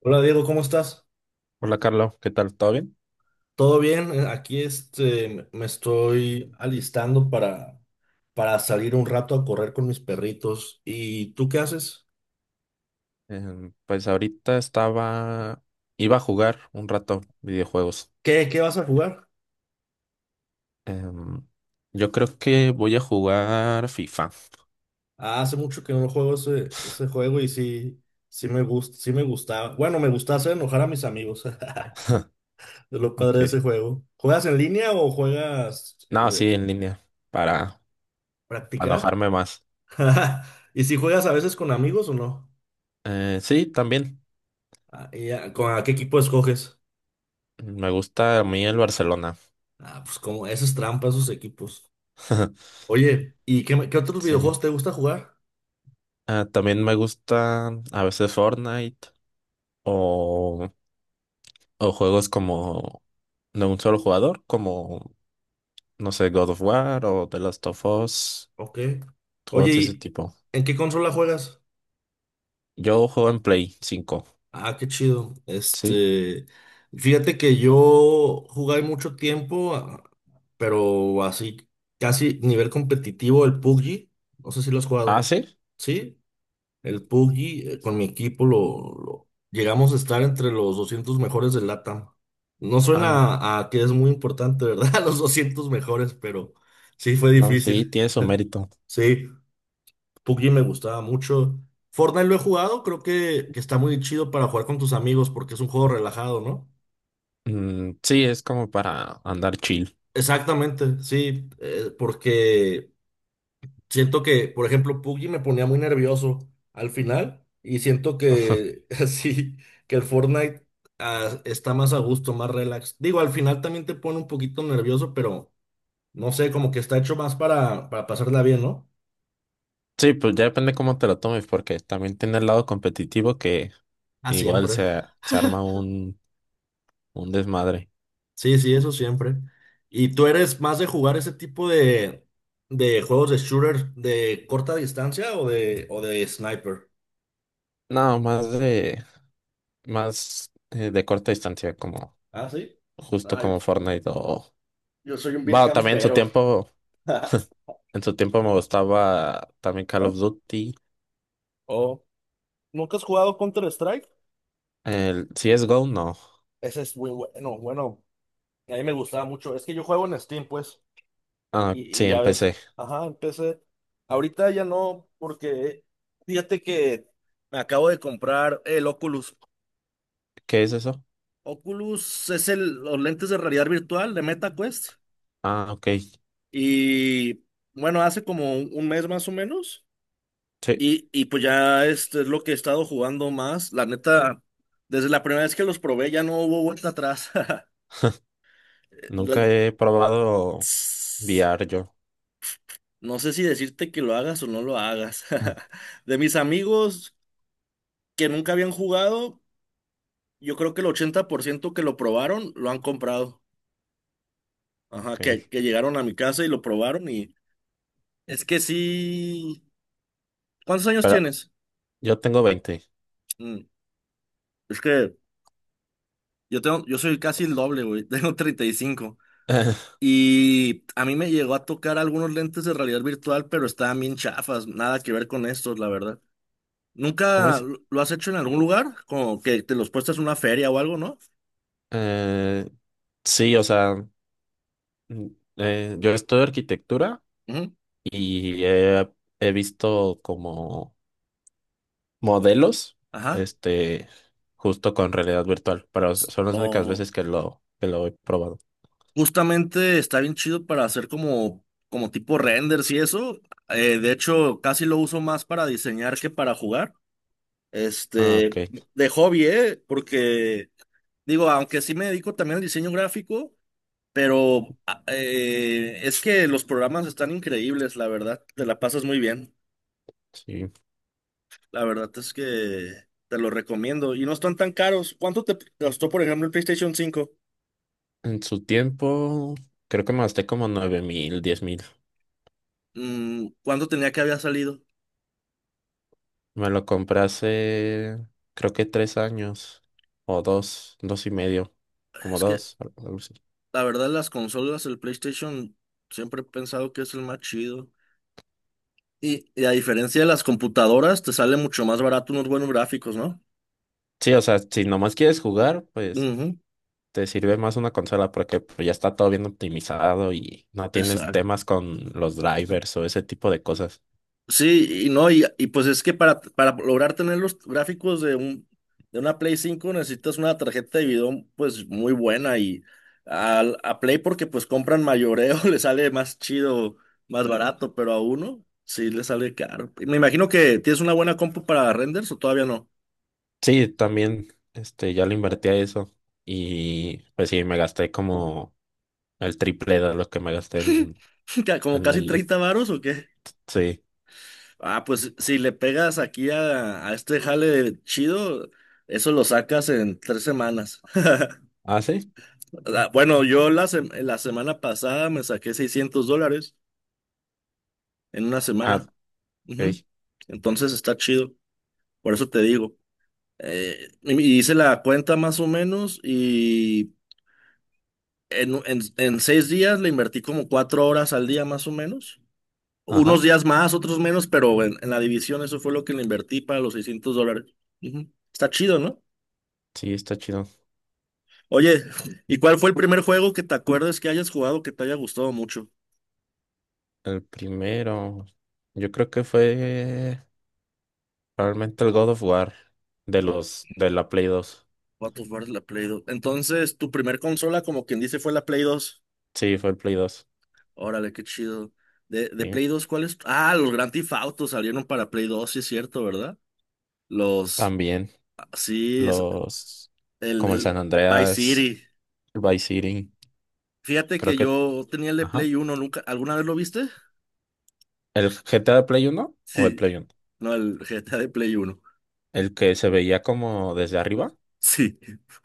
Hola Diego, ¿cómo estás? Hola Carlos, ¿qué tal? ¿Todo bien? ¿Todo bien? Aquí este, me me estoy alistando para salir un rato a correr con mis perritos. ¿Y tú qué haces? Pues ahorita estaba, iba a jugar un rato videojuegos. ¿Qué vas a jugar? Em, yo creo que voy a jugar FIFA. Ah, hace mucho que no juego ese juego y sí me gusta, sí me gustaba. Bueno, me gusta hacer enojar a mis amigos. Es lo Ok. padre de ese juego. ¿Juegas en línea o juegas No, de sí, en línea, para, para practicar? enojarme más. ¿Y si juegas a veces con amigos o no? Sí, también. ¿A qué equipo escoges? Me gusta a mí el Barcelona. Ah, pues como, eso es trampa, esos equipos. Oye, ¿y qué otros Sí. videojuegos te gusta jugar? Ah, también me gusta a veces Fortnite o, o juegos como de un solo jugador, como, no sé, God of War o The Last of Us. Ok. Oye, Juegos de ese ¿y tipo. en qué consola juegas? Yo juego en Play 5. Ah, qué chido. ¿Sí? Fíjate que yo jugué mucho tiempo, pero así, casi nivel competitivo, el PUBG. No sé si lo has ¿Ah, jugado. sí? ¿Sí? El Puggy, con mi equipo, llegamos a estar entre los 200 mejores del LATAM. No Ah, suena a que es muy importante, ¿verdad? Los 200 mejores, pero sí fue no, sí, difícil. tiene su mérito. Sí, Puggy me gustaba mucho. Fortnite lo he jugado, creo que está muy chido para jugar con tus amigos porque es un juego relajado, ¿no? Mm, sí, es como para andar chill. Exactamente, sí, porque siento que, por ejemplo, PUBG me ponía muy nervioso al final y siento que así, que el Fortnite está más a gusto, más relax. Digo, al final también te pone un poquito nervioso, pero no sé, como que está hecho más para pasarla bien, ¿no? Sí, pues ya depende cómo te lo tomes, porque también tiene el lado competitivo que Ah, igual siempre. se arma un desmadre. Sí, sí, eso siempre. ¿Y tú eres más de jugar ese tipo de juegos de shooter de corta distancia o de sniper? No, más de corta distancia, como Ah, sí. justo Ay, como Fortnite o... yo soy un vil Bueno, también en su campero. tiempo, en su tiempo me gustaba también Call of Duty. Oh. ¿Nunca has jugado Counter-Strike? El CSGO, no. Ese es muy bueno, bueno, a mí me gustaba mucho. Es que yo juego en Steam, pues, Ah, sí, y ya ves. empecé. Ajá, empecé. Ahorita ya no, porque fíjate que me acabo de comprar el Oculus. ¿Qué es eso? Oculus es los lentes de realidad virtual de MetaQuest. Ah, ok. Y bueno, hace como un mes más o menos. Sí. Y pues ya este es lo que he estado jugando más. La neta, desde la primera vez que los probé ya no hubo vuelta atrás. Nunca La- he probado VR yo. No sé si decirte que lo hagas o no lo hagas. De mis amigos que nunca habían jugado, yo creo que el 80% que lo probaron lo han comprado. Ajá, Ok. Que llegaron a mi casa y lo probaron y es que sí. ¿Cuántos años Pero tienes? yo tengo 20. Mm, es que yo soy casi el doble, güey. Tengo 35. Y cinco. Y a mí me llegó a tocar algunos lentes de realidad virtual, pero estaban bien chafas. Nada que ver con estos, la verdad. ¿Cómo ¿Nunca es? lo has hecho en algún lugar? Como que te los puestas en una feria o algo, ¿no? Eh, sí, o sea, mm, yo estudio arquitectura Ujú. y he visto como modelos, Ajá. este, justo con realidad virtual, pero son las únicas O veces que lo he probado. justamente está bien chido para hacer como, como tipo renders y eso. De hecho, casi lo uso más para diseñar que para jugar. Ah, ok, Este, de hobby, ¿eh? Porque, digo, aunque sí me dedico también al diseño gráfico, pero es que los programas están increíbles, la verdad. Te la pasas muy bien. sí. La verdad es que te lo recomiendo. Y no están tan caros. ¿Cuánto te costó, por ejemplo, el PlayStation 5? En su tiempo, creo que me gasté como 9,000, 10,000. Mm, ¿cuándo tenía que había salido? Me lo compré hace, creo que 3 años o dos, dos y medio, como Es que dos, algo así. la verdad las consolas, el PlayStation, siempre he pensado que es el más chido. Y a diferencia de las computadoras, te sale mucho más barato unos buenos gráficos, ¿no? Sí, o sea, si nomás quieres jugar, pues Ujú. te sirve más una consola porque pues, ya está todo bien optimizado y no tienes Exacto. temas con los drivers o ese tipo de cosas. Sí, y no, y, Y pues es que para lograr tener los gráficos de un de una Play cinco necesitas una tarjeta de video pues muy buena y Play porque pues compran mayoreo, le sale más chido, más barato, pero a uno sí le sale caro. Y me imagino que tienes una buena compu para renders o todavía no. Sí, también, ya le invertí a eso y pues sí, me gasté como el triple de lo que me gasté en, ¿Como en casi el... est- 30 varos o qué? Sí. Ah, pues si le pegas aquí a este jale chido, eso lo sacas en tres semanas. ¿Ah, sí? Ah, bueno, la semana pasada me saqué $600 en una Ah, semana. Ujú. ok. Entonces está chido, por eso te digo. Y hice la cuenta más o menos y en 6 días le invertí como 4 horas al día más o menos, unos Ajá. días más, otros menos, pero en la división eso fue lo que le invertí para los $600. Ujú. Está chido, ¿no? Sí, está chido. Oye, ¿y cuál fue el primer juego que te acuerdes que hayas jugado que te haya gustado mucho? El primero, yo creo que fue probablemente el God of War de los de la Play 2. God of War, la Play dos. Entonces, tu primer consola, como quien dice, fue la Play dos. Sí, fue el Play 2. Órale, qué chido. De Sí. Play dos, ¿cuál es? Ah, los Grand Theft Auto salieron para Play dos, sí es cierto, ¿verdad? Los, También ah, sí, es los como el el San Vice Andreas, City. el Vice City, Fíjate creo que que yo tenía el de ajá. Play uno nunca, ¿alguna vez lo viste? El GTA de Play 1 o el Sí, Play 1, no, el GTA de Play Uno. el que se veía como desde arriba. Sí.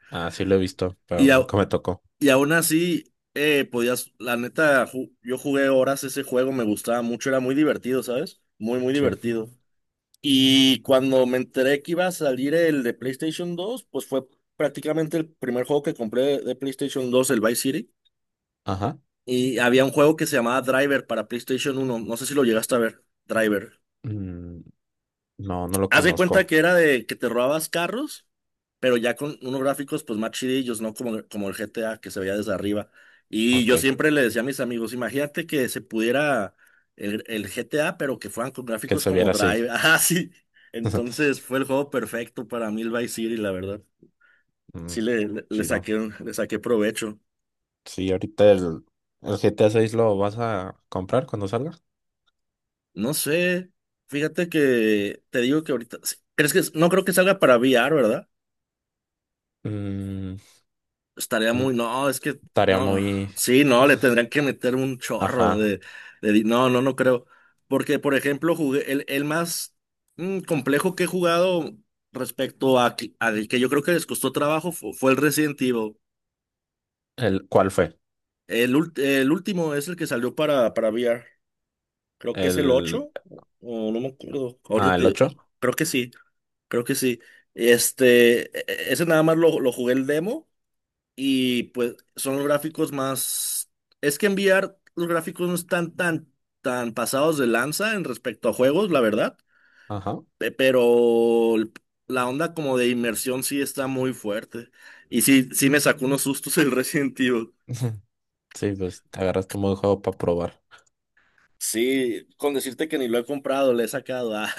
Ah, sí lo he visto, pero Y, nunca au- me tocó. y aún así, podías, la neta, yo jugué horas ese juego, me gustaba mucho, era muy divertido, ¿sabes? Muy Sí. divertido. Y cuando me enteré que iba a salir el de PlayStation dos, pues fue prácticamente el primer juego que compré de PlayStation dos, el Vice City. Ajá. Y había un juego que se llamaba Driver para PlayStation uno, no sé si lo llegaste a ver, Driver. Mm, no, no lo Haz de cuenta conozco. que era de que te robabas carros, pero ya con unos gráficos pues más chidillos, ¿no? Como el GTA que se veía desde arriba. Y yo Ok, siempre le decía a mis amigos, imagínate que se pudiera el GTA, pero que fueran con que gráficos se como viera así. Drive. Ah, sí. Entonces fue el juego perfecto para mí el Vice City, la verdad. Mm, Sí le chido. saqué, le saqué provecho. Sí, ahorita el GTA 6 lo vas a comprar cuando salga. No sé, fíjate que te digo que ahorita... sí, ¿Crees que no creo que salga para VR, ¿verdad? Mm, Estaría no, muy, no, es que, tarea no, muy... sí, no, le tendrían que meter un chorro Ajá. No, no, no creo. Porque, por ejemplo, jugué, el más complejo que he jugado respecto al que yo creo que les costó trabajo fue el Resident Evil. ¿Cuál fue? El, el último es el que salió para VR. Creo que es el El... 8 o no me acuerdo. Ah, el ocho. Creo que sí, creo que sí. Este, ese nada más lo jugué el demo. Y pues son los gráficos más... Es que en VR los gráficos no están tan pasados de lanza en respecto a juegos, la verdad. Ajá. Pero la onda como de inmersión sí está muy fuerte. Y sí, sí me sacó unos sustos el Resident Evil. Sí, pues te agarras tu modo de juego para probar. Sí, con decirte que ni lo he comprado, le he sacado. Ah,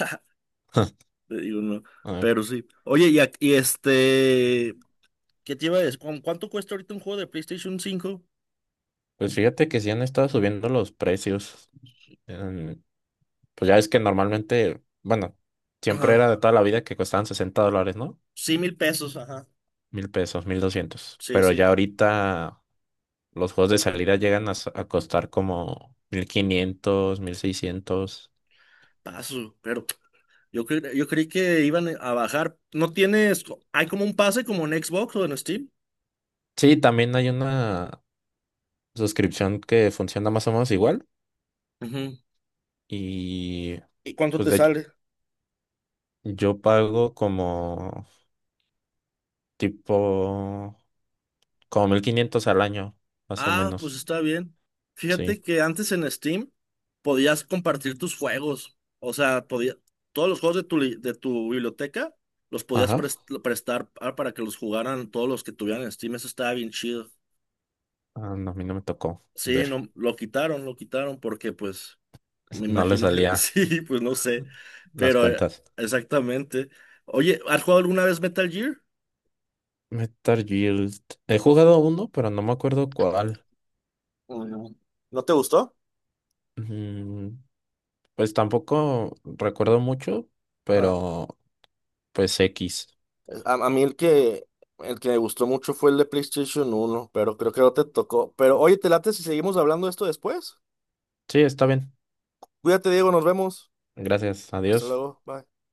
te digo, no. Ay, Pero sí. Oye, ¿Qué te iba a decir? ¿Cuánto cuesta ahorita un juego de PlayStation cinco? pues fíjate que sí han estado subiendo los precios. Em, pues ya es que normalmente, bueno, Ajá. siempre era de toda la vida que costaban $60, ¿no? Sí, 1000 pesos, ajá. 1,000 pesos, 1,200. Sí, Pero sí. ya ahorita los juegos de salida llegan a costar como 1,500, 1,600. Paso, pero yo creí que iban a bajar. ¿No tienes, co- ¿Hay como un pase como en Xbox o en Steam? Sí, también hay una suscripción que funciona más o menos igual. Ujú. Y ¿Y cuánto pues te de hecho, sale? yo pago como tipo, como 1,500 al año, más o Ah, pues menos. está bien. Sí. Fíjate que antes en Steam podías compartir tus juegos. O sea, podía, todos los juegos de de tu biblioteca los podías Ajá. Prestar para que los jugaran todos los que tuvieran en Steam. Eso estaba bien chido. Ah, no, a mí no me tocó Sí, ver. no, lo quitaron porque pues me No le imagino que salía sí, pues no sé, las pero cuentas. exactamente. Oye, ¿has jugado alguna vez Metal Gear? Metal Guild. He jugado uno, pero no me acuerdo cuál. Mm, ¿No te gustó? Mm. Pues tampoco recuerdo mucho, Ajá. pero pues X. A mí el que me gustó mucho fue el de PlayStation uno, pero creo que no te tocó. Pero oye, ¿te late si seguimos hablando de esto después? Sí, está bien. Cuídate, Diego, nos vemos. Gracias. Hasta Adiós. luego, bye.